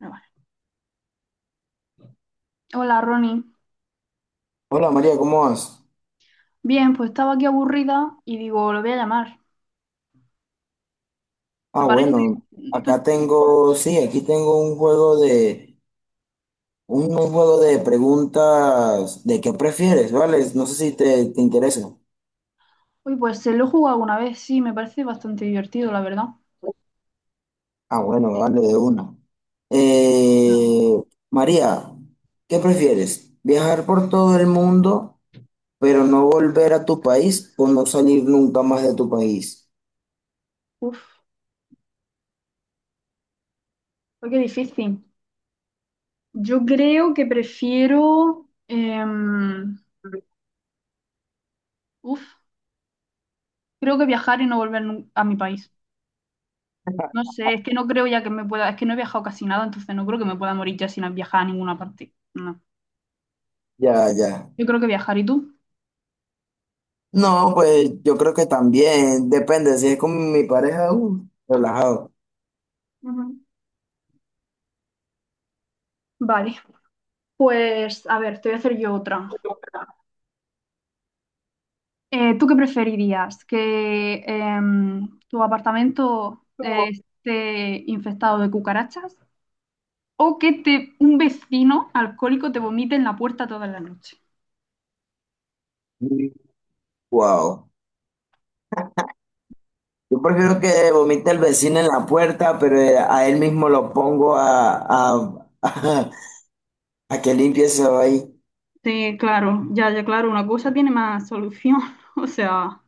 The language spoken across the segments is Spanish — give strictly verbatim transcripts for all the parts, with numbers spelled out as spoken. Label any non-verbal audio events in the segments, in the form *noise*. No, vale. Hola, Ronnie. Hola María, ¿cómo vas? Bien, pues estaba aquí aburrida y digo, lo voy a llamar. ¿Te Ah, parece? bueno, Tú- acá tengo, sí, aquí tengo un juego de, un, un juego de preguntas de qué prefieres, ¿vale? No sé si te, te interesa. Uy, pues se lo he jugado alguna vez, sí, me parece bastante divertido, la verdad. Ah, bueno, Sí. vale, de una. Ah. Eh, María, ¿qué prefieres? ¿Viajar por todo el mundo, pero no volver a tu país o no salir nunca más de tu país? Uf, uy, qué difícil. Yo creo que prefiero, em, uf, creo que viajar y no volver nun- a mi país. No sé, es que no creo ya que me pueda, es que no he viajado casi nada, entonces no creo que me pueda morir ya sin viajar a ninguna parte. No, Ya, ya. yo creo que viajar. ¿Y tú? No, pues yo creo que también, depende, si es con mi pareja, uh, relajado. Ujú. Vale, pues a ver, te voy a hacer yo otra. Eh, ¿tú qué preferirías? ¿Que em, tu apartamento eh, esté infectado de cucarachas o que te, un vecino alcohólico te vomite en la puerta toda la noche? Wow. Yo prefiero que vomite el vecino en la puerta, pero eh, a él mismo lo pongo a, a, *laughs* a, que limpie eso ahí. Sí, claro, ya, ya, claro, una cosa tiene más solución. *laughs* O sea,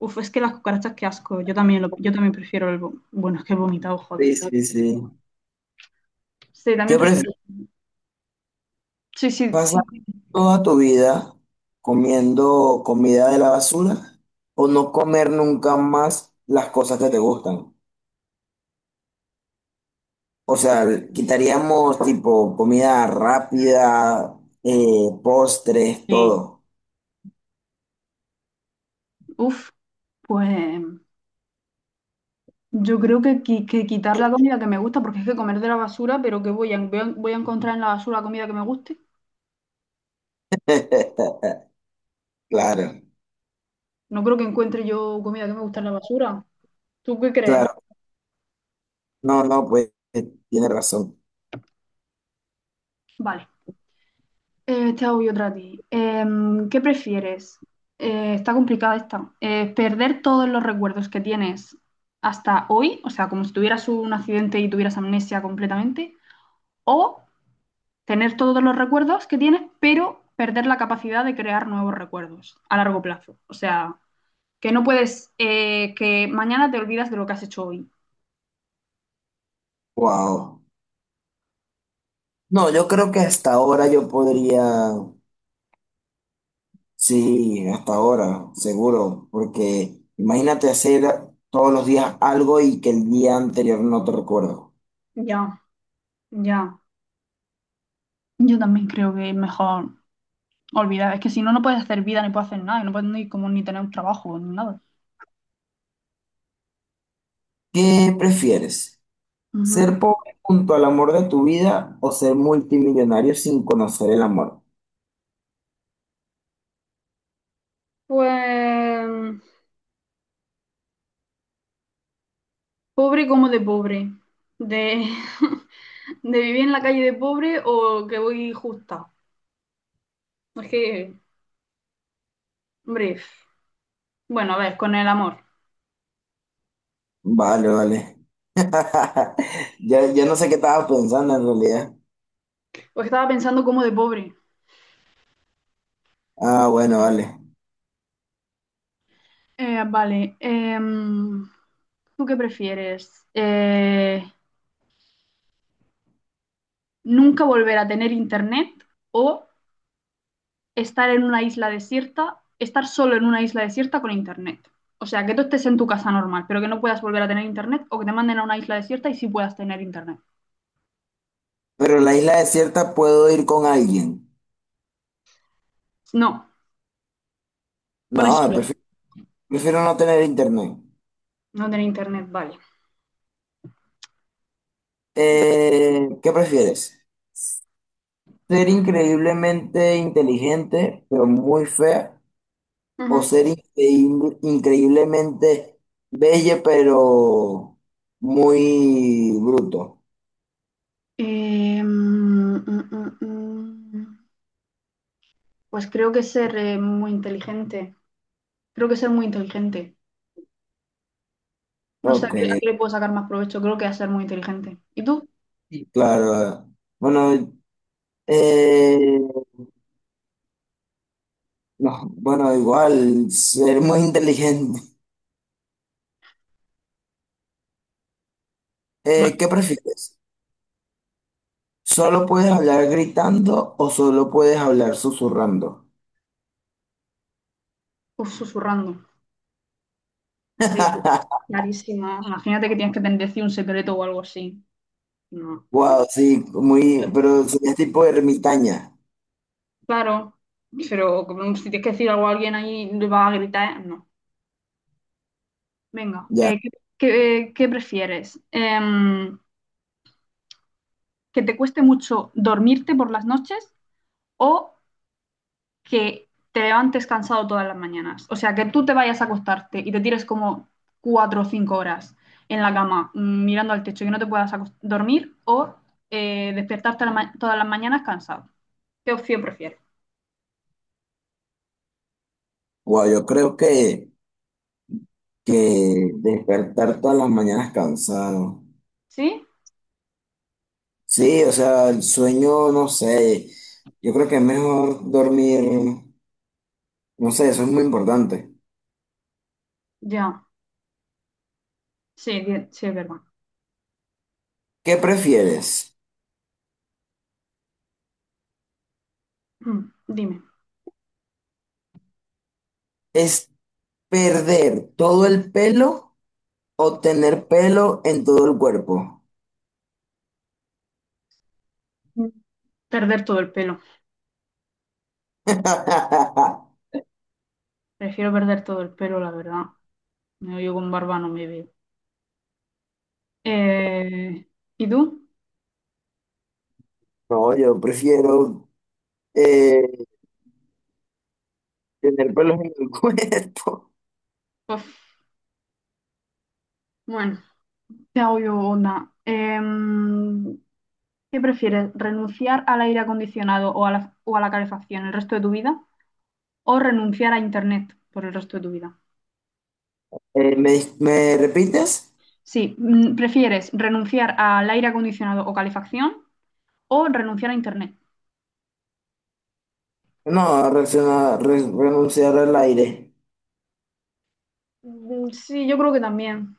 uf, es que las cucarachas, qué asco. Yo también, lo- yo también prefiero el... vo- Bueno, es que he vomitado, joder. Sí, sí, sí. Sí, también ¿Qué prefieres? prefiero. Sí, sí, ¿Pasar sí. toda tu vida comiendo comida de la basura o no comer nunca más las cosas que te gustan? O sea, quitaríamos tipo comida rápida, eh, postres, Sí. todo. Uf, pues... Yo creo que, qui- que quitar la comida que me gusta, porque es que comer de la basura, pero que voy a, voy a, voy a encontrar en la basura comida que me guste. *laughs* Claro, No creo que encuentre yo comida que me guste en la basura. ¿Tú qué crees? claro. No, no, pues eh, tiene razón. Vale, eh, te hago yo otra a ti. Em, ¿qué prefieres? Eh, está complicada esta. Eh, ¿perder todos los recuerdos que tienes hasta hoy? O sea, como si tuvieras un accidente y tuvieras amnesia completamente. ¿O tener todos los recuerdos que tienes, pero perder la capacidad de crear nuevos recuerdos a largo plazo? O sea... que no puedes, eh, que mañana te olvidas de lo que has hecho hoy. Wow. No, yo creo que hasta ahora yo podría, sí, hasta ahora, seguro, porque imagínate hacer todos los días algo y que el día anterior no te recuerdo. Ya, ya. Yo también creo que es mejor olvidar. Es que si no, no puedes hacer vida ni puedes hacer nada. Y no puedes ni, como, ni tener un trabajo ni nada. ¿Qué prefieres? Ujú. ¿Ser pobre junto al amor de tu vida o ser multimillonario sin conocer el amor? Pues pobre como de pobre. De, *laughs* de vivir en la calle de pobre o que voy justa. Es que, hombre, bueno, a ver, con el amor. Vale, vale. *laughs* Ya, ya no sé qué estaba pensando en realidad. Pues estaba pensando como de pobre. Ah, bueno, vale. Eh, vale. Em, ¿tú qué prefieres? Eh, ¿nunca volver a tener internet o estar en una isla desierta, estar solo en una isla desierta con internet? O sea, que tú estés en tu casa normal, pero que no puedas volver a tener internet o que te manden a una isla desierta y sí puedas tener internet. Pero en la isla desierta puedo ir con alguien. No, No, pones solo, prefi- prefiero no tener internet. no tener internet, vale. Eh, ¿qué prefieres? ¿Ser increíblemente inteligente, pero muy fea? ¿O Ujú. ser increíble- increíblemente bella, pero muy bruto? Eh, mm, mm, mm, mm. Pues creo que ser eh, muy inteligente. Creo que ser muy inteligente. No sé a Ok, qué, a qué le puedo sacar más provecho. Creo que a ser muy inteligente. ¿Y tú? sí, claro. Bueno, eh, no, bueno, igual, ser muy inteligente. Eh, ¿qué Vale. prefieres? ¿Solo puedes hablar gritando o solo puedes hablar susurrando? Uf, susurrando. Sí, *laughs* clarísimo. Imagínate que tienes que tener decir un secreto o algo así. No. Wow, sí, muy, pero serías tipo ermitaña, Claro, pero como si tienes que decir algo a alguien ahí, le vas a gritar, ¿eh? No. Venga, ya. eh, ¿qué, qué- ¿qué prefieres? Em, ¿que te cueste mucho dormirte por las noches o que te levantes cansado todas las mañanas? O sea, que tú te vayas a acostarte y te tires como cuatro o cinco horas en la cama mm, mirando al techo y que no te puedas acos- dormir o eh, despertarte a la ma- todas las mañanas cansado. ¿Qué opción prefieres? Wow, yo creo que, que despertar todas las mañanas cansado. ¿Sí? Sí, o sea, el sueño, no sé, yo creo que es mejor dormir, no sé, eso es muy importante. Ya. Sí, di- sí, es verdad. ¿Qué prefieres? Mm, Dime. ¿Es perder todo el pelo o tener pelo en todo el cuerpo? Mm. Perder todo el pelo. *laughs* Prefiero perder todo el pelo, la verdad. No, yo con barba no me veo. Eh, ¿y tú? No, yo prefiero eh, tener pelos en el *laughs* cuerpo. Pues, bueno, te hago yo una. Em, ¿qué prefieres? ¿Renunciar al aire acondicionado o a la, o a la calefacción el resto de tu vida? ¿O renunciar a internet por el resto de tu vida? Eh, ¿me, dis- me repites? Sí, mm, ¿prefieres renunciar al aire acondicionado o calefacción o renunciar a internet? No, reacciona- re- renunciar al aire. Mm. Sí, yo creo que también,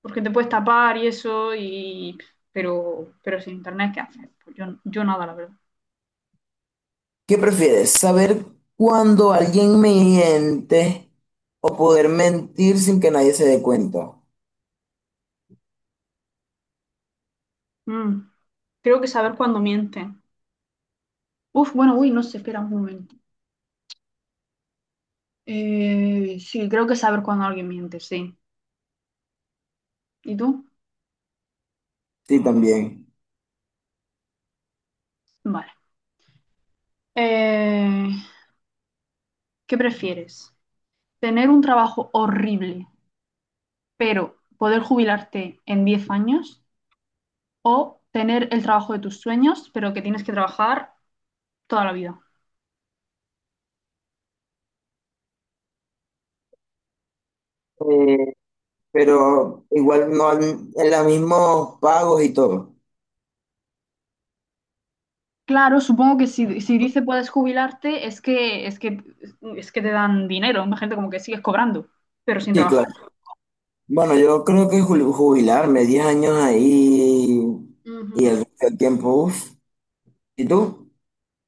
porque te puedes tapar y eso, y pero, pero sin internet, ¿qué haces? Pues yo, yo nada, la verdad. ¿Qué prefieres? ¿Saber cuando alguien miente o poder mentir sin que nadie se dé cuenta? Mm. Creo que saber cuándo mienten. Uf, bueno, uy, no sé, espera un momento. Eh, sí, creo que saber cuándo alguien miente, sí. ¿Y tú? Sí, también. Vale. Eh, ¿Qué prefieres? ¿Tener un trabajo horrible, pero poder jubilarte en diez años? ¿O tener el trabajo de tus sueños, pero que tienes que trabajar toda la vida? Eh, pero igual no al- en los mismos pagos y todo. Claro, supongo que si, si dice puedes jubilarte, es que, es que, es que te dan dinero, imagínate como que sigues cobrando, pero sin Sí, trabajar. claro. Bueno, yo creo que jul- jubilarme, diez años ahí y Ujú. el resto del tiempo, uf. ¿Y tú?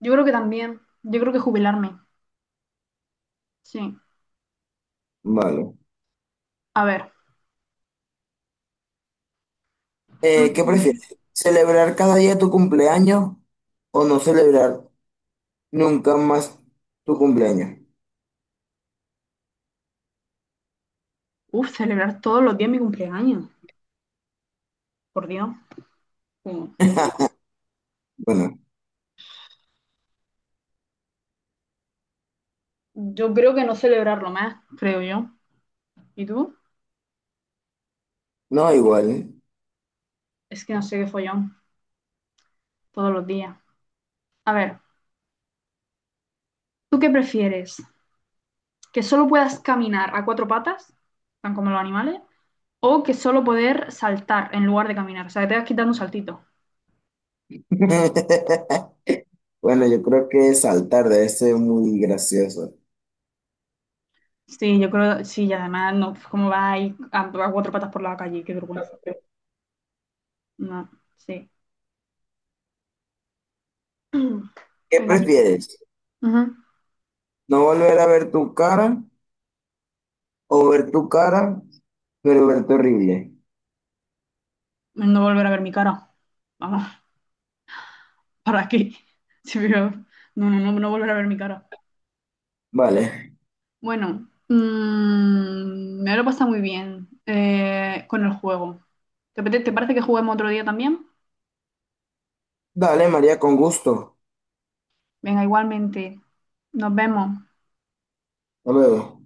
Yo creo que también. Yo creo que jubilarme. Sí. Vale. A ver. Eh, ¿qué Ujú. prefieres? ¿Celebrar cada día tu cumpleaños o no celebrar nunca más tu cumpleaños? Uf, celebrar todos los días mi cumpleaños. Por Dios. Sí. Bueno, Yo creo que no celebrarlo más, creo yo. ¿Y tú? no igual. Es que no sé qué follón. Todos los días. A ver, ¿tú qué prefieres? ¿Que solo puedas caminar a cuatro patas, tan como los animales? O que solo poder saltar en lugar de caminar. O sea, que te vas quitando un saltito. *laughs* Bueno, yo creo que saltar debe ser muy gracioso. Sí, yo creo, sí, y además, no, ¿cómo va ahí a, a cuatro patas por la calle? Qué vergüenza. No, sí. *clears throat* ¿Qué Venga, aquí. prefieres? Ujú. ¿No volver a ver tu cara o ver tu cara, pero verte horrible? No volver a ver mi cara. Vamos, *laughs* ¿para qué? Sí, pero no, no, no, no volver a ver mi cara. Vale. Bueno, mm, me lo he pasado muy bien eh, con el juego. ¿Te, apete- te parece que juguemos otro día también? Dale, María, con gusto. Venga, igualmente. Nos vemos. Hasta luego.